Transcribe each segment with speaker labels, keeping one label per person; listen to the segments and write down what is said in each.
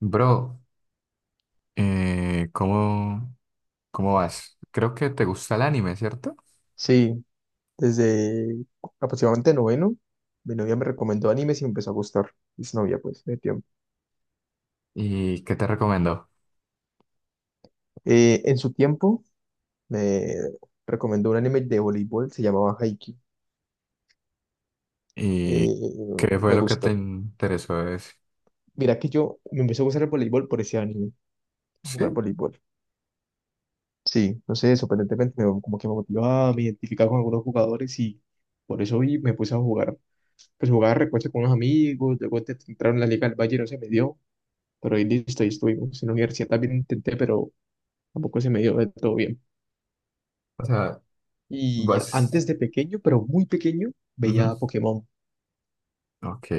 Speaker 1: Bro, eh, ¿cómo, cómo vas? Creo que te gusta el anime, ¿cierto?
Speaker 2: Sí, desde aproximadamente noveno, mi novia me recomendó animes y me empezó a gustar. Es novia, pues, de tiempo.
Speaker 1: ¿Y qué te recomendó?
Speaker 2: En su tiempo, me recomendó un anime de voleibol, se llamaba Haikyuu.
Speaker 1: ¿Y
Speaker 2: Eh,
Speaker 1: qué fue
Speaker 2: me
Speaker 1: lo que te
Speaker 2: gustó.
Speaker 1: interesó de ese?
Speaker 2: Mira que yo me empezó a gustar el voleibol por ese anime, jugar
Speaker 1: ¿Sí?
Speaker 2: voleibol. Sí, no sé, sorprendentemente me, como que me motivaba, me identificaba con algunos jugadores y por eso y me puse a jugar. Pues jugaba recuerdo con unos amigos, luego entraron en la Liga del Valle, no se me dio. Pero ahí listo, ahí estuvimos. En la universidad también intenté, pero tampoco se me dio de todo bien.
Speaker 1: O sea,
Speaker 2: Y
Speaker 1: vas...
Speaker 2: antes de pequeño, pero muy pequeño,
Speaker 1: Ujú.
Speaker 2: veía Pokémon,
Speaker 1: Ok,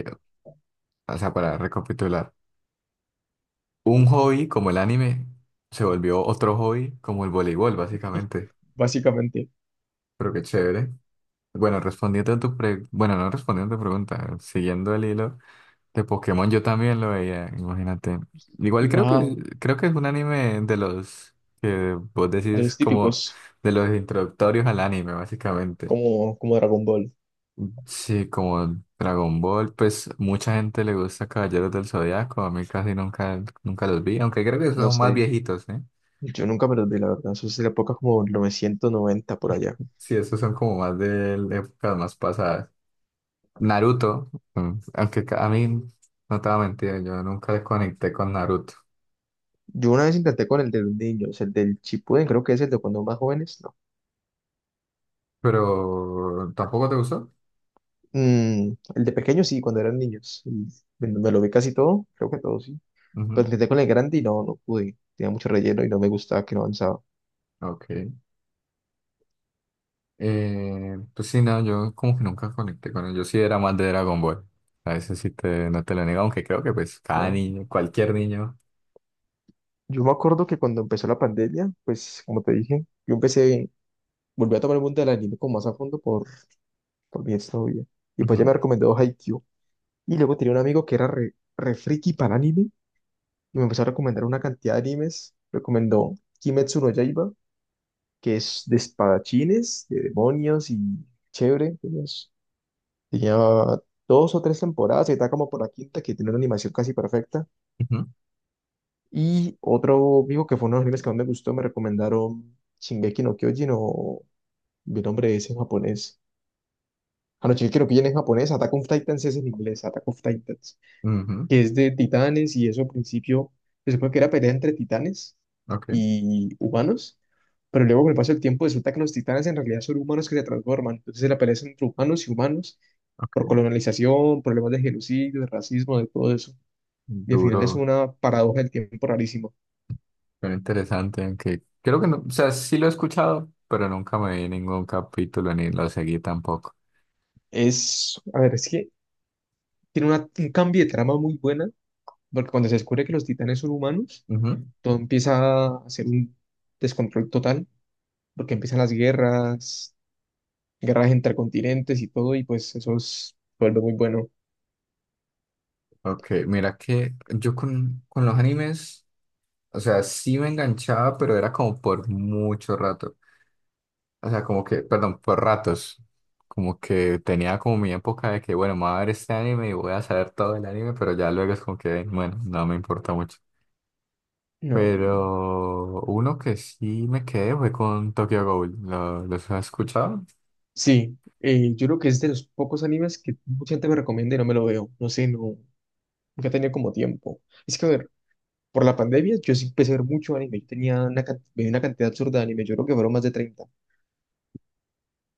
Speaker 1: o sea, para recapitular, un hobby como el anime se volvió otro hobby como el voleibol, básicamente.
Speaker 2: básicamente.
Speaker 1: Pero qué chévere. Bueno, respondiendo a tu pre... Bueno, no respondiendo a tu pregunta, siguiendo el hilo. De Pokémon yo también lo veía, imagínate. Igual creo que
Speaker 2: Wow.
Speaker 1: creo que es un anime de los que vos
Speaker 2: De
Speaker 1: decís
Speaker 2: los
Speaker 1: como
Speaker 2: típicos,
Speaker 1: de los introductorios al anime, básicamente.
Speaker 2: como Dragon Ball.
Speaker 1: Sí, como Dragon Ball, pues mucha gente le gusta Caballeros del Zodiaco, a mí casi nunca, nunca los vi, aunque creo que
Speaker 2: No
Speaker 1: son más
Speaker 2: sé.
Speaker 1: viejitos, ¿eh?
Speaker 2: Yo nunca me los vi, la verdad. Eso es de la época como 990 por allá.
Speaker 1: Sí, esos son como más de épocas más pasadas. Naruto, mm, aunque ca- a mí, no te voy a mentir, yo nunca desconecté con Naruto,
Speaker 2: Yo una vez intenté con el de los niños, el del Chipuden, creo que es el de cuando más jóvenes, ¿no?
Speaker 1: pero ¿tampoco te gustó?
Speaker 2: Mm, el de pequeños sí, cuando eran niños. Y me lo vi casi todo, creo que todos. Pero intenté con el grande y no, no pude. Tenía mucho relleno y no me gustaba que no avanzaba.
Speaker 1: Ok. Pues sí, no, yo como que nunca conecté con él. Yo sí era más de Dragon Ball. A veces sí te, no te lo niego, aunque creo que pues cada
Speaker 2: No.
Speaker 1: niño, cualquier niño.
Speaker 2: Yo me acuerdo que cuando empezó la pandemia, pues como te dije, yo empecé, volví a tomar el mundo del anime como más a fondo por mi exnovia. Y pues ya
Speaker 1: Ujú,
Speaker 2: me recomendó Haikyuu. Y luego tenía un amigo que era re friki para el anime y me empezó a recomendar una cantidad de animes. Recomendó Kimetsu no Yaiba, que es de espadachines, de demonios y chévere. Tenía dos o tres temporadas y está como por la quinta que tiene una animación casi perfecta.
Speaker 1: ujú,
Speaker 2: Y otro amigo que fue uno de los animes que más me gustó, me recomendaron Shingeki no Kyojin o mi nombre es en japonés. Ah, no, Shingeki no Kyojin en japonés, Attack of Titans es en inglés, Attack of Titans,
Speaker 1: ujú.
Speaker 2: que es de titanes y eso al principio se supone que era pelea entre titanes
Speaker 1: Ok,
Speaker 2: y humanos, pero luego con el paso del tiempo resulta que los titanes en realidad son humanos que se transforman, entonces la pelea es entre humanos y humanos por
Speaker 1: ok.
Speaker 2: colonización, problemas de genocidio, de racismo, de todo eso. Y al final es
Speaker 1: Duro,
Speaker 2: una paradoja del tiempo rarísima.
Speaker 1: pero interesante, aunque creo que no, o sea, sí lo he escuchado, pero nunca me vi ningún capítulo ni lo seguí tampoco.
Speaker 2: Es, a ver, es que tiene un cambio de trama muy buena, porque cuando se descubre que los titanes son humanos,
Speaker 1: Ujú.
Speaker 2: todo empieza a ser un descontrol total, porque empiezan las guerras, guerras entre continentes y todo, y pues vuelve muy bueno.
Speaker 1: Ok, mira que yo con los animes, o sea, sí me enganchaba, pero era como por mucho rato. O sea, como que, perdón, por ratos. Como que tenía como mi época de que, bueno, me voy a ver este anime y voy a saber todo del anime, pero ya luego es como que, bueno, no me importa mucho.
Speaker 2: No,
Speaker 1: Pero uno que sí me quedé fue con Tokyo Ghoul. ¿Lo- ¿Los has escuchado?
Speaker 2: sí, yo creo que es de los pocos animes que mucha gente me recomienda y no me lo veo. No sé, no, nunca he tenido como tiempo. Es que, a ver, por la pandemia yo sí empecé a ver mucho anime. Yo tenía veía una cantidad absurda de anime. Yo creo que fueron más de 30,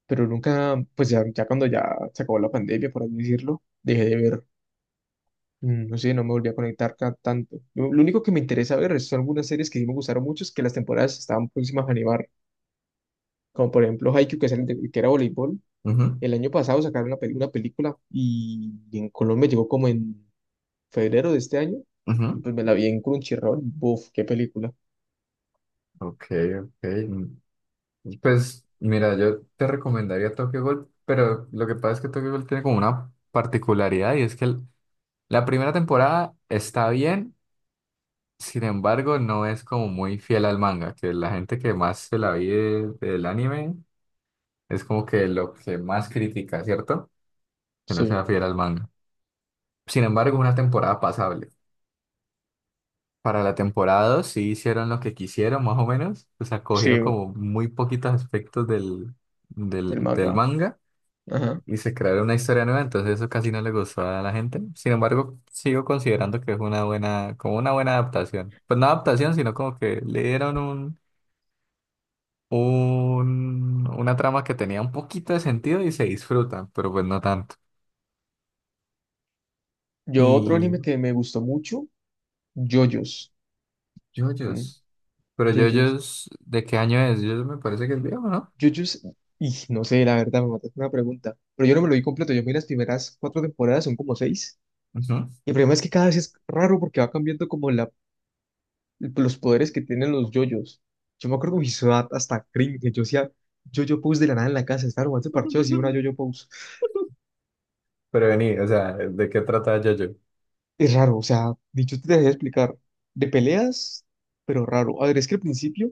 Speaker 2: pero nunca, pues ya, ya cuando ya se acabó la pandemia, por así decirlo, dejé de ver, no sé, no me volví a conectar tanto. Lo único que me interesa ver son algunas series que sí me gustaron mucho, es que las temporadas estaban próximas a animar, como por ejemplo Haikyuu, que, es que era voleibol.
Speaker 1: Ujú,
Speaker 2: El año pasado sacaron una película y en Colombia llegó como en febrero de este año, y
Speaker 1: ujú.
Speaker 2: pues me la vi en Crunchyroll, buf, qué película.
Speaker 1: Ok, ok. Mm, pues mira, yo te recomendaría Tokyo Ghoul, pero lo que pasa es que Tokyo Ghoul tiene como una particularidad y es que el- la primera temporada está bien. Sin embargo, no es como muy fiel al manga, que la gente que más se la vive del anime es como que lo que más critica, ¿cierto? Que no sea
Speaker 2: Sí,
Speaker 1: fiel al manga. Sin embargo, una temporada pasable. Para la temporada 2 sí hicieron lo que quisieron, más o menos. O sea,
Speaker 2: sí,
Speaker 1: cogieron como muy poquitos aspectos del,
Speaker 2: el
Speaker 1: del, del
Speaker 2: manga.
Speaker 1: manga
Speaker 2: Ajá.
Speaker 1: y se crearon una historia nueva, entonces eso casi no le gustó a la gente. Sin embargo, sigo considerando que es una buena, como una buena adaptación. Pues no adaptación, sino como que le dieron un- una trama que tenía un poquito de sentido y se disfruta, pero pues no tanto.
Speaker 2: Yo otro
Speaker 1: Y
Speaker 2: anime que me gustó mucho, JoJo's. Mm,
Speaker 1: JoJo's. Pero
Speaker 2: JoJo's.
Speaker 1: JoJo's, ¿de qué año es? JoJo's me parece que es viejo, ¿no?
Speaker 2: Jujutsu, y no sé, la verdad, me mataste una pregunta, pero yo no me lo vi completo, yo vi las primeras cuatro temporadas, son como seis,
Speaker 1: Ujú.
Speaker 2: y el problema es que cada vez es raro porque va cambiando como los poderes que tienen los yoyos. Yo me acuerdo que mi ciudad hasta cringe, yo hacía yoyo pose de la nada en la casa, estaba jugando parcheos y una yoyo pose.
Speaker 1: Pero vení, o sea, ¿de qué trata JoJo?
Speaker 2: Es raro, o sea, dicho te dejé explicar, de peleas, pero raro. A ver, es que al principio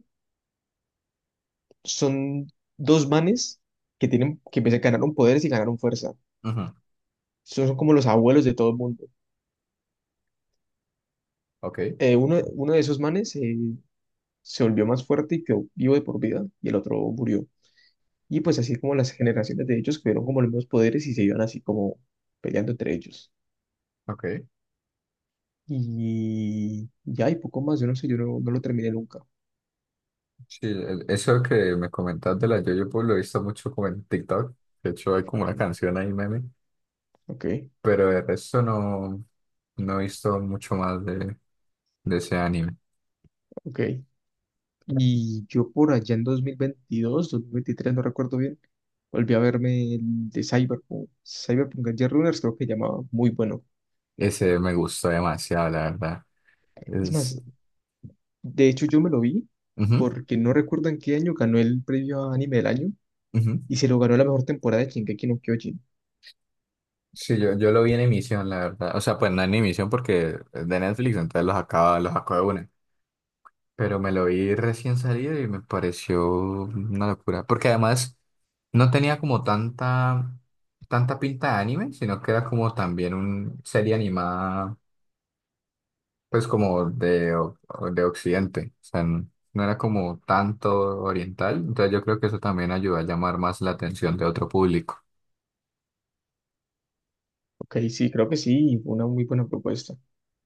Speaker 2: son dos manes que tienen, que ganaron poderes y ganaron fuerza.
Speaker 1: Ujú.
Speaker 2: Son como los abuelos de todo el mundo.
Speaker 1: Ok,
Speaker 2: Uno, uno de esos manes se volvió más fuerte y quedó vivo de por vida, y el otro murió. Y pues así como las generaciones de ellos tuvieron como los mismos poderes y se iban así como peleando entre ellos.
Speaker 1: ok.
Speaker 2: Y ya hay poco más, yo no sé, yo no, no lo terminé nunca.
Speaker 1: Sí, el- eso que me comentas de la JoJo, pues lo he visto mucho como en TikTok. De hecho, hay como
Speaker 2: Ok,
Speaker 1: una canción ahí, meme.
Speaker 2: ok,
Speaker 1: Pero de resto no, no he visto mucho más de ese anime.
Speaker 2: ok. Y yo por allá en 2022, 2023 no recuerdo bien, volví a verme el de Cyberpunk, Cyberpunk Edge Runners creo que llamaba, muy bueno.
Speaker 1: Ese me gustó demasiado, la verdad.
Speaker 2: Es
Speaker 1: Es...
Speaker 2: más, de hecho, yo me lo vi
Speaker 1: ujú,
Speaker 2: porque no recuerdo en qué año ganó el premio a anime del año
Speaker 1: ujú.
Speaker 2: y se lo ganó la mejor temporada de Shingeki no Kyojin.
Speaker 1: Sí, yo lo vi en emisión, la verdad. O sea, pues no en emisión porque es de Netflix, entonces los acaba, los sacó de una. Pero me lo vi recién salido y me pareció una locura. Porque además no tenía como tanta, tanta pinta de anime, sino que era como también una serie animada, pues como de, o de Occidente. O sea, n- no era como tanto oriental. Entonces yo creo que eso también ayuda a llamar más la atención de otro público.
Speaker 2: Ok, sí, creo que sí, fue una muy buena propuesta.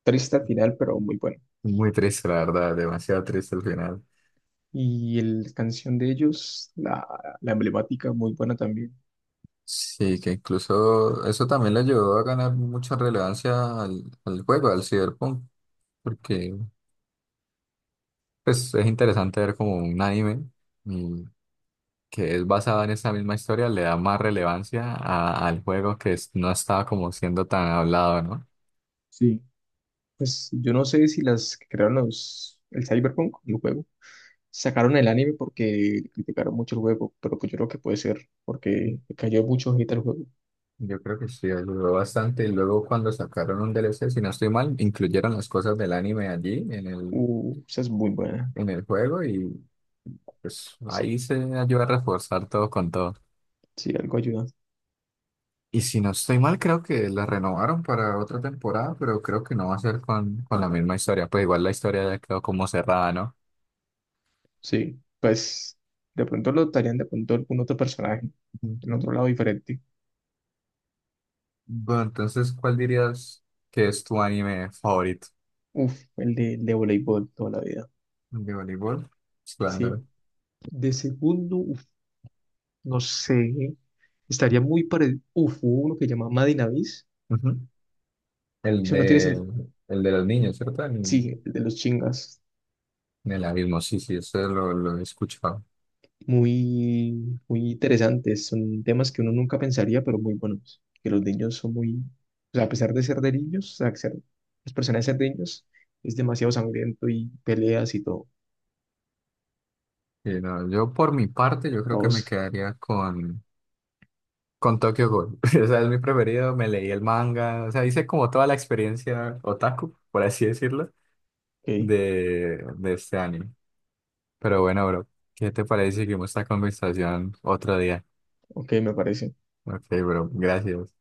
Speaker 2: Triste al final, pero muy buena.
Speaker 1: Muy triste, la verdad, demasiado triste al final.
Speaker 2: Y la canción de ellos, la emblemática, muy buena también.
Speaker 1: Sí, que incluso eso también le ayudó a ganar mucha relevancia al juego, al Cyberpunk, porque pues es interesante ver como un anime y que es basado en esa misma historia, le da más relevancia a- al juego que es- no estaba como siendo tan hablado, ¿no?
Speaker 2: Sí. Pues yo no sé si las que crearon el Cyberpunk, el juego, sacaron el anime porque criticaron mucho el juego, pero pues yo creo que puede ser porque le cayó mucho hate al juego.
Speaker 1: Yo creo que sí, ayudó bastante. Y luego cuando sacaron un DLC, si no estoy mal, incluyeron las cosas del anime allí
Speaker 2: Esa es muy buena.
Speaker 1: en el juego. Pues
Speaker 2: Sí,
Speaker 1: ahí se ayuda a reforzar todo con todo.
Speaker 2: sí, algo ayuda.
Speaker 1: Y si no estoy mal, creo que la renovaron para otra temporada, pero creo que no va a ser con la misma historia. Pues igual la historia ya quedó como cerrada, ¿no?
Speaker 2: Sí, pues de pronto lo estarían de pronto algún otro personaje, en
Speaker 1: Ujú.
Speaker 2: otro lado diferente.
Speaker 1: Bueno, entonces, ¿cuál dirías que es tu anime favorito?
Speaker 2: Uf, el de voleibol toda la vida.
Speaker 1: ¿De voleibol? Pues, claro.
Speaker 2: Sí, de segundo, uf, no sé, estaría muy parecido. Uf, hubo uno que se llama Madinavis.
Speaker 1: Ujú. El
Speaker 2: Eso no
Speaker 1: de, el de los niños, ¿cierto?
Speaker 2: Sí, el de los chingas.
Speaker 1: En el abismo, sí, sí, eso lo he escuchado.
Speaker 2: Muy, muy interesantes. Son temas que uno nunca pensaría, pero muy buenos. Que los niños son muy. O sea, a pesar de ser de niños, o sea, los personajes de ser de niños, es demasiado sangriento y peleas y todo.
Speaker 1: Sí, no, yo por mi parte, yo creo que me
Speaker 2: Todos.
Speaker 1: quedaría con... con Tokyo Ghoul. O sea, es mi preferido. Me leí el manga. O sea, hice como toda la experiencia otaku, por así decirlo,
Speaker 2: Ok,
Speaker 1: de este anime. Pero bueno, bro, ¿qué te parece si seguimos esta conversación otro día?
Speaker 2: ok, me parece.
Speaker 1: Ok, bro, gracias.